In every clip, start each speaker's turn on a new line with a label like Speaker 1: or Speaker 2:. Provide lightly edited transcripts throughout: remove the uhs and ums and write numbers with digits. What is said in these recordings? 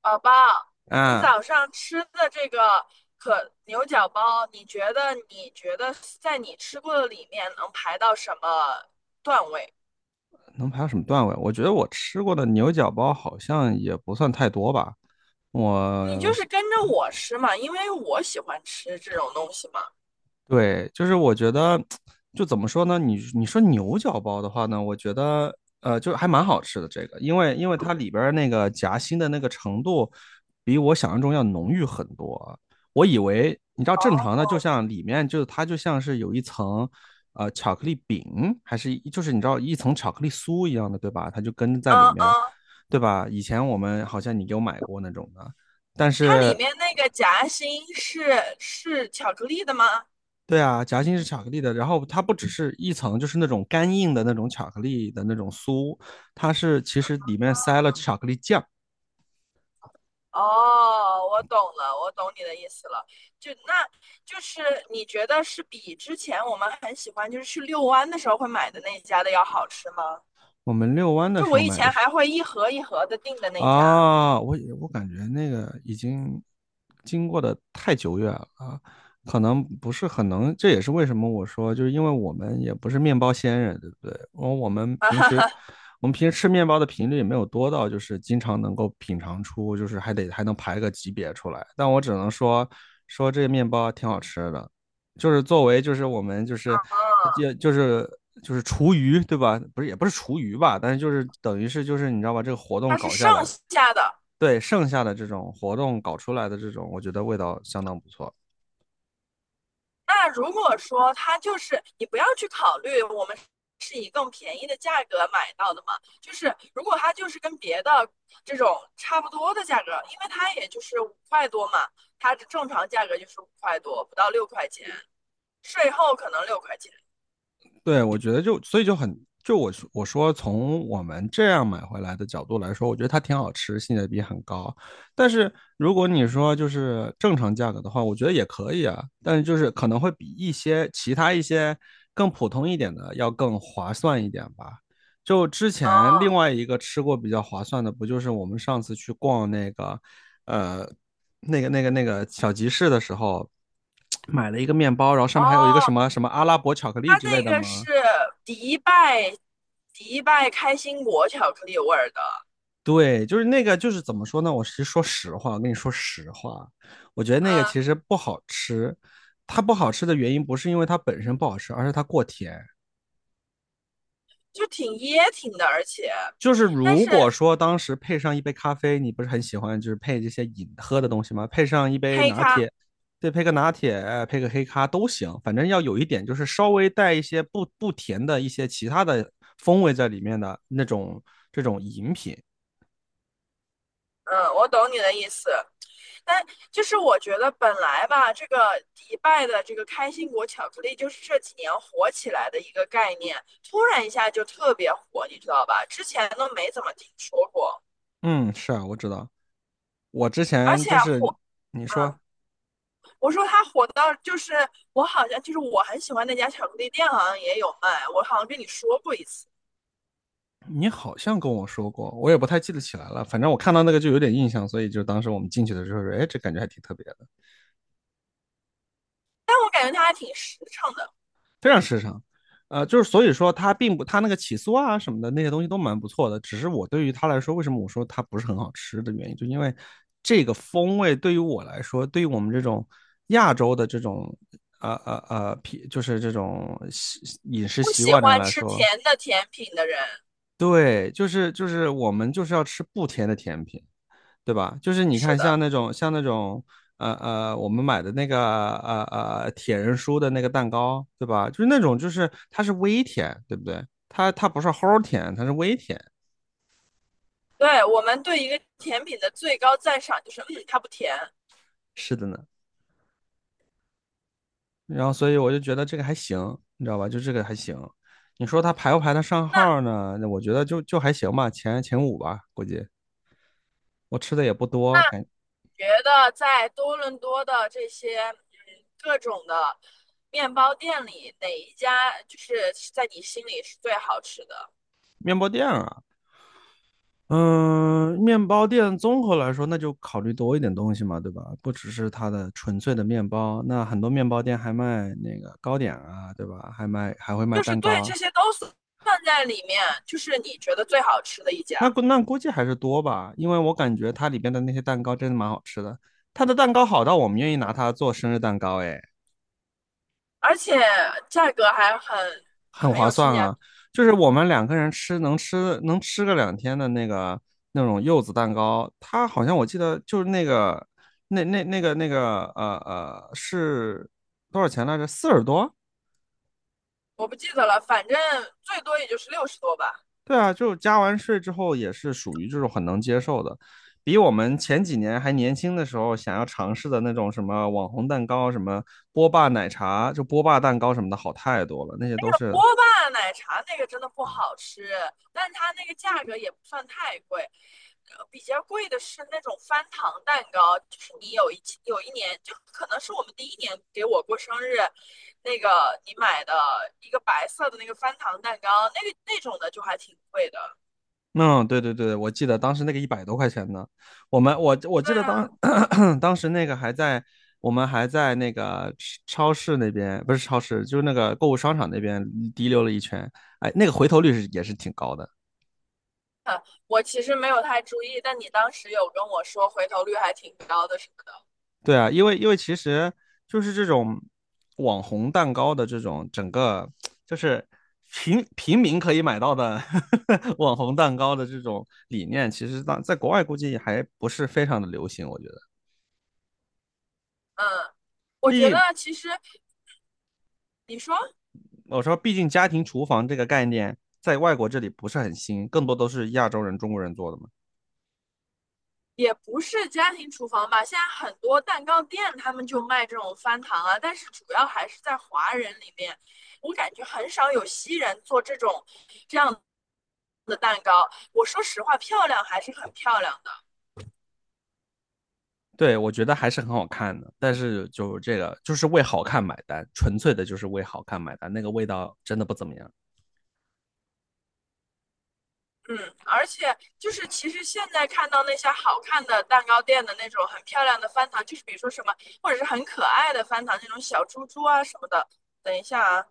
Speaker 1: 宝宝，你
Speaker 2: 啊，
Speaker 1: 早上吃的这个可牛角包，你觉得在你吃过的里面能排到什么段位？
Speaker 2: 能排到什么段位？我觉得我吃过的牛角包好像也不算太多吧。
Speaker 1: 你就
Speaker 2: 我
Speaker 1: 是跟着我吃嘛，因为我喜欢吃这种东西嘛。
Speaker 2: 对，就是我觉得，就怎么说呢？你说牛角包的话呢，我觉得就还蛮好吃的这个，因为它里边儿那个夹心的那个程度，比我想象中要浓郁很多啊。我以为你知道正常的，就
Speaker 1: 哦，
Speaker 2: 像里面就是它就像是有一层巧克力饼，还是就是你知道一层巧克力酥一样的，对吧？它就跟在
Speaker 1: 嗯
Speaker 2: 里面，
Speaker 1: 嗯，
Speaker 2: 对吧？以前我们好像你给我买过那种的。但
Speaker 1: 它里
Speaker 2: 是
Speaker 1: 面那个夹心是巧克力的吗？
Speaker 2: 对啊，夹心是巧克力的，然后它不只是一层，就是那种干硬的那种巧克力的那种酥，它是其实里面塞了巧克力酱。
Speaker 1: 哦，我懂了，我懂你的意思了。就那就是你觉得是比之前我们很喜欢，就是去遛弯的时候会买的那一家的要好吃吗？
Speaker 2: 我们遛弯的
Speaker 1: 就
Speaker 2: 时
Speaker 1: 我
Speaker 2: 候
Speaker 1: 以
Speaker 2: 买的
Speaker 1: 前
Speaker 2: 是
Speaker 1: 还会一盒一盒的订的那家，
Speaker 2: 啊，我感觉那个已经经过的太久远了啊，可能不是很能，这也是为什么我说，就是因为我们也不是面包仙人，对不对？然后我们
Speaker 1: 啊
Speaker 2: 平
Speaker 1: 哈
Speaker 2: 时
Speaker 1: 哈，
Speaker 2: 我们平时吃面包的频率也没有多到，就是经常能够品尝出，就是还得还能排个级别出来。但我只能说说这个面包挺好吃的，就是作为就是我们
Speaker 1: 啊，
Speaker 2: 就就是就是厨余对吧？不是也不是厨余吧，但是就是等于是就是你知道吧？这个活动
Speaker 1: 它是
Speaker 2: 搞下
Speaker 1: 上
Speaker 2: 来，
Speaker 1: 下的。
Speaker 2: 对剩下的这种活动搞出来的这种，我觉得味道相当不错。
Speaker 1: 那如果说它就是你不要去考虑我们是以更便宜的价格买到的嘛，就是如果它就是跟别的这种差不多的价格，因为它也就是五块多嘛，它的正常价格就是五块多，不到六块钱，税后可能六块钱。
Speaker 2: 对，我觉得就所以就很就我说从我们这样买回来的角度来说，我觉得它挺好吃，性价比很高。但是如果你说就是正常价格的话，我觉得也可以啊，但是就是可能会比一些其他一些更普通一点的要更划算一点吧。就之前另
Speaker 1: 哦
Speaker 2: 外一个吃过比较划算的，不就是我们上次去逛呃那个小集市的时候，买了一个面包，然后上面还有一个什
Speaker 1: 哦，
Speaker 2: 么什么阿拉伯巧克力
Speaker 1: 它
Speaker 2: 之类
Speaker 1: 这
Speaker 2: 的
Speaker 1: 个
Speaker 2: 吗？
Speaker 1: 是迪拜迪拜开心果巧克力味儿的，
Speaker 2: 对，就是那个，就是怎么说呢？我是说实话，我跟你说实话，我觉得那个
Speaker 1: 嗯，
Speaker 2: 其实不好吃。它不好吃的原因不是因为它本身不好吃，而是它过甜。
Speaker 1: 就挺噎挺的，而且，
Speaker 2: 就是
Speaker 1: 但
Speaker 2: 如
Speaker 1: 是
Speaker 2: 果说当时配上一杯咖啡，你不是很喜欢就是配这些饮喝的东西吗？配上一杯
Speaker 1: 黑
Speaker 2: 拿
Speaker 1: 咖，
Speaker 2: 铁，对，配个拿铁，配个黑咖都行，反正要有一点就是稍微带一些不甜的一些其他的风味在里面的那种这种饮品。
Speaker 1: 嗯，我懂你的意思，但就是我觉得本来吧，这个迪拜的这个开心果巧克力就是这几年火起来的一个概念，突然一下就特别火，你知道吧？之前都没怎么听说过，
Speaker 2: 嗯，是啊，我知道。我之
Speaker 1: 而
Speaker 2: 前
Speaker 1: 且
Speaker 2: 就是
Speaker 1: 火。
Speaker 2: 你
Speaker 1: 啊，
Speaker 2: 说。
Speaker 1: 我说它火到就是我好像就是我很喜欢那家巧克力店，好像也有卖，我好像跟你说过一次，
Speaker 2: 你好像跟我说过，我也不太记得起来了。反正我看到那个就有点印象，所以就当时我们进去的时候说，哎，这感觉还挺特别的，
Speaker 1: 但我感觉它还挺实诚的，
Speaker 2: 非常时尚。就是所以说它并不，它那个起酥啊什么的那些东西都蛮不错的。只是我对于它来说，为什么我说它不是很好吃的原因，就因为这个风味对于我来说，对于我们这种亚洲的这种呃呃呃就是这种饮食
Speaker 1: 不
Speaker 2: 习
Speaker 1: 喜
Speaker 2: 惯的人
Speaker 1: 欢
Speaker 2: 来
Speaker 1: 吃
Speaker 2: 说，
Speaker 1: 甜的甜品的人。
Speaker 2: 对，就是就是我们就是要吃不甜的甜品。对吧？就是你
Speaker 1: 是
Speaker 2: 看，像
Speaker 1: 的，
Speaker 2: 那种像那种我们买的那个铁人酥的那个蛋糕，对吧？就是那种就是它是微甜，对不对？它不是齁甜，它是微甜。
Speaker 1: 对，我们对一个甜品的最高赞赏就是，嗯，它不甜。
Speaker 2: 是的呢。然后所以我就觉得这个还行，你知道吧？就这个还行。你说它排不排得上
Speaker 1: 那
Speaker 2: 号呢？那我觉得就还行吧，前五吧，估计。我吃的也不
Speaker 1: 那
Speaker 2: 多，
Speaker 1: 觉得在多伦多的这些嗯各种的面包店里，哪一家就是在你心里是最好吃的？
Speaker 2: 面包店啊，嗯，面包店综合来说，那就考虑多一点东西嘛，对吧？不只是它的纯粹的面包，那很多面包店还卖那个糕点啊，对吧？还会卖
Speaker 1: 就是
Speaker 2: 蛋
Speaker 1: 对
Speaker 2: 糕，
Speaker 1: 这些都算在里面，就是你觉得最好吃的一家，
Speaker 2: 那估计还是多吧，因为我感觉它里边的那些蛋糕真的蛮好吃的，它的蛋糕好到我们愿意拿它做生日蛋糕，诶。
Speaker 1: 而且价格还很
Speaker 2: 很
Speaker 1: 很
Speaker 2: 划
Speaker 1: 有性
Speaker 2: 算
Speaker 1: 价比。
Speaker 2: 啊。就是我们两个人吃能吃个2天的那个那种柚子蛋糕，它好像我记得就是那个那个是多少钱来着？40多？
Speaker 1: 我不记得了，反正最多也就是60多吧。
Speaker 2: 对啊，就加完税之后也是属于这种很能接受的，比我们前几年还年轻的时候想要尝试的那种什么网红蛋糕、什么波霸奶茶、就波霸蛋糕什么的好太多了，那些都是。
Speaker 1: 波霸奶茶那个真的不好吃，但它那个价格也不算太贵。比较贵的是那种翻糖蛋糕，就是你有一年，就可能是我们第1年给我过生日，那个你买的一个白色的那个翻糖蛋糕，那个那种的就还挺贵的。
Speaker 2: 嗯，对对对，我记得当时那个100多块钱呢，我们我我
Speaker 1: 对
Speaker 2: 记得
Speaker 1: 啊，
Speaker 2: 当 当时那个还在我们还在那个超市那边，不是超市，就是那个购物商场那边滴溜了一圈，哎，那个回头率是也是挺高的。
Speaker 1: 我其实没有太注意，但你当时有跟我说回头率还挺高的什么的。
Speaker 2: 对啊，因为其实就是这种网红蛋糕的这种整个就是平民可以买到的 网红蛋糕的这种理念，其实当在国外估计还不是非常的流行，我觉得。
Speaker 1: 嗯，我
Speaker 2: 毕
Speaker 1: 觉得
Speaker 2: 竟
Speaker 1: 其实你说。
Speaker 2: 我说，毕竟家庭厨房这个概念在外国这里不是很新，更多都是亚洲人、中国人做的嘛。
Speaker 1: 也不是家庭厨房吧，现在很多蛋糕店他们就卖这种翻糖啊，但是主要还是在华人里面，我感觉很少有西人做这种这样的蛋糕。我说实话，漂亮还是很漂亮的。
Speaker 2: 对，我觉得还是很好看的，但是就这个就是为好看买单，纯粹的就是为好看买单，那个味道真的不怎么样。
Speaker 1: 嗯，而且就是其实现在看到那些好看的蛋糕店的那种很漂亮的翻糖，就是比如说什么，或者是很可爱的翻糖，那种小猪猪啊什么的。等一下啊，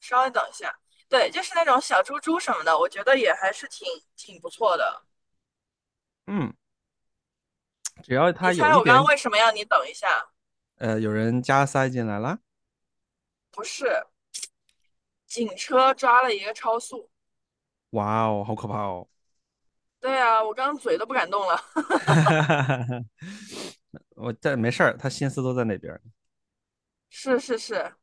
Speaker 1: 稍微等一下，对，就是那种小猪猪什么的，我觉得也还是挺不错的。
Speaker 2: 嗯，只要
Speaker 1: 你
Speaker 2: 它
Speaker 1: 猜
Speaker 2: 有一
Speaker 1: 我刚刚
Speaker 2: 点，
Speaker 1: 为什么要你等一下？
Speaker 2: 有人加塞进来了，
Speaker 1: 不是，警车抓了一个超速。
Speaker 2: 哇哦，好可怕哦！
Speaker 1: 对啊，我刚刚嘴都不敢动了。
Speaker 2: 我在没事儿，他心思都在那边。
Speaker 1: 是是是，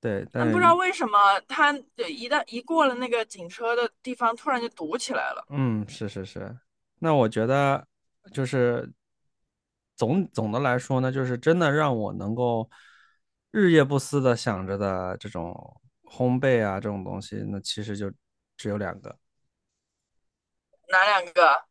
Speaker 2: 对，
Speaker 1: 但不
Speaker 2: 但
Speaker 1: 知道
Speaker 2: 是
Speaker 1: 为什么他一旦一过了那个警车的地方，突然就堵起来了。
Speaker 2: 嗯，是是是，那我觉得就是总的来说呢，就是真的让我能够日夜不思的想着的这种烘焙啊这种东西，那其实就只有两个，
Speaker 1: 哪2个？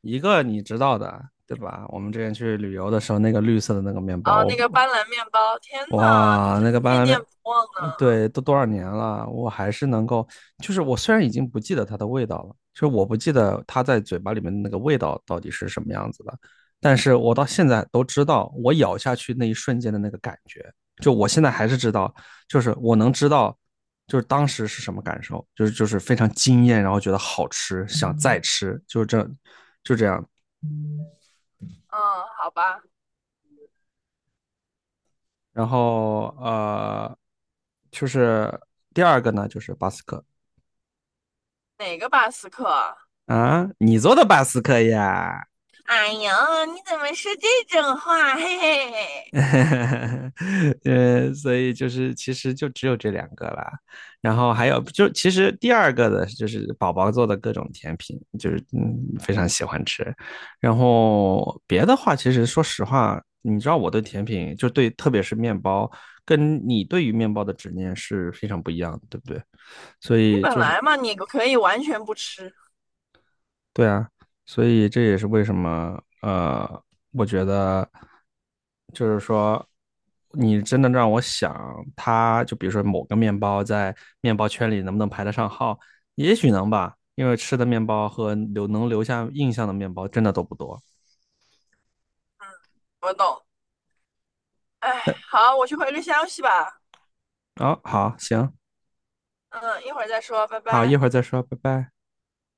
Speaker 2: 一个你知道的，对吧？我们之前去旅游的时候，那个绿色的那个面包，
Speaker 1: 哦，那个斑斓面包，天呐，你
Speaker 2: 哇，
Speaker 1: 真
Speaker 2: 那个
Speaker 1: 是
Speaker 2: 巴
Speaker 1: 念
Speaker 2: 拿面
Speaker 1: 念不忘
Speaker 2: 呃，
Speaker 1: 呢。
Speaker 2: 对，都多少年了，我还是能够，就是我虽然已经不记得它的味道了，就是我不记得它在嘴巴里面的那个味道到底是什么样子的，但是我到现在都知道，我咬下去那一瞬间的那个感觉，就我现在还是知道，就是我能知道，就是当时是什么感受，就是非常惊艳，然后觉得好吃，想再吃，就是这，就这样。
Speaker 1: 嗯，好吧，
Speaker 2: 然后就是第二个呢，就是巴斯克。
Speaker 1: 哪个巴斯克啊？
Speaker 2: 啊，你做的巴斯克呀？
Speaker 1: 哎呀，你怎么说这种话？嘿嘿嘿，
Speaker 2: 所以就是其实就只有这两个啦，然后还有就其实第二个的就是宝宝做的各种甜品，就是非常喜欢吃，然后别的话其实说实话，你知道我对甜品就对特别是面包，跟你对于面包的执念是非常不一样的，对不对？所
Speaker 1: 你
Speaker 2: 以
Speaker 1: 本
Speaker 2: 就是
Speaker 1: 来嘛，你可以完全不吃。
Speaker 2: 对啊，所以这也是为什么，我觉得就是说，你真的让我想，它就比如说某个面包在面包圈里能不能排得上号，也许能吧，因为吃的面包和能留下印象的面包真的都不多。
Speaker 1: 我懂。哎，好，我去回个消息吧。
Speaker 2: 好，好，行，
Speaker 1: 嗯，一会儿再说，拜
Speaker 2: 好，一
Speaker 1: 拜。
Speaker 2: 会儿再说，拜拜。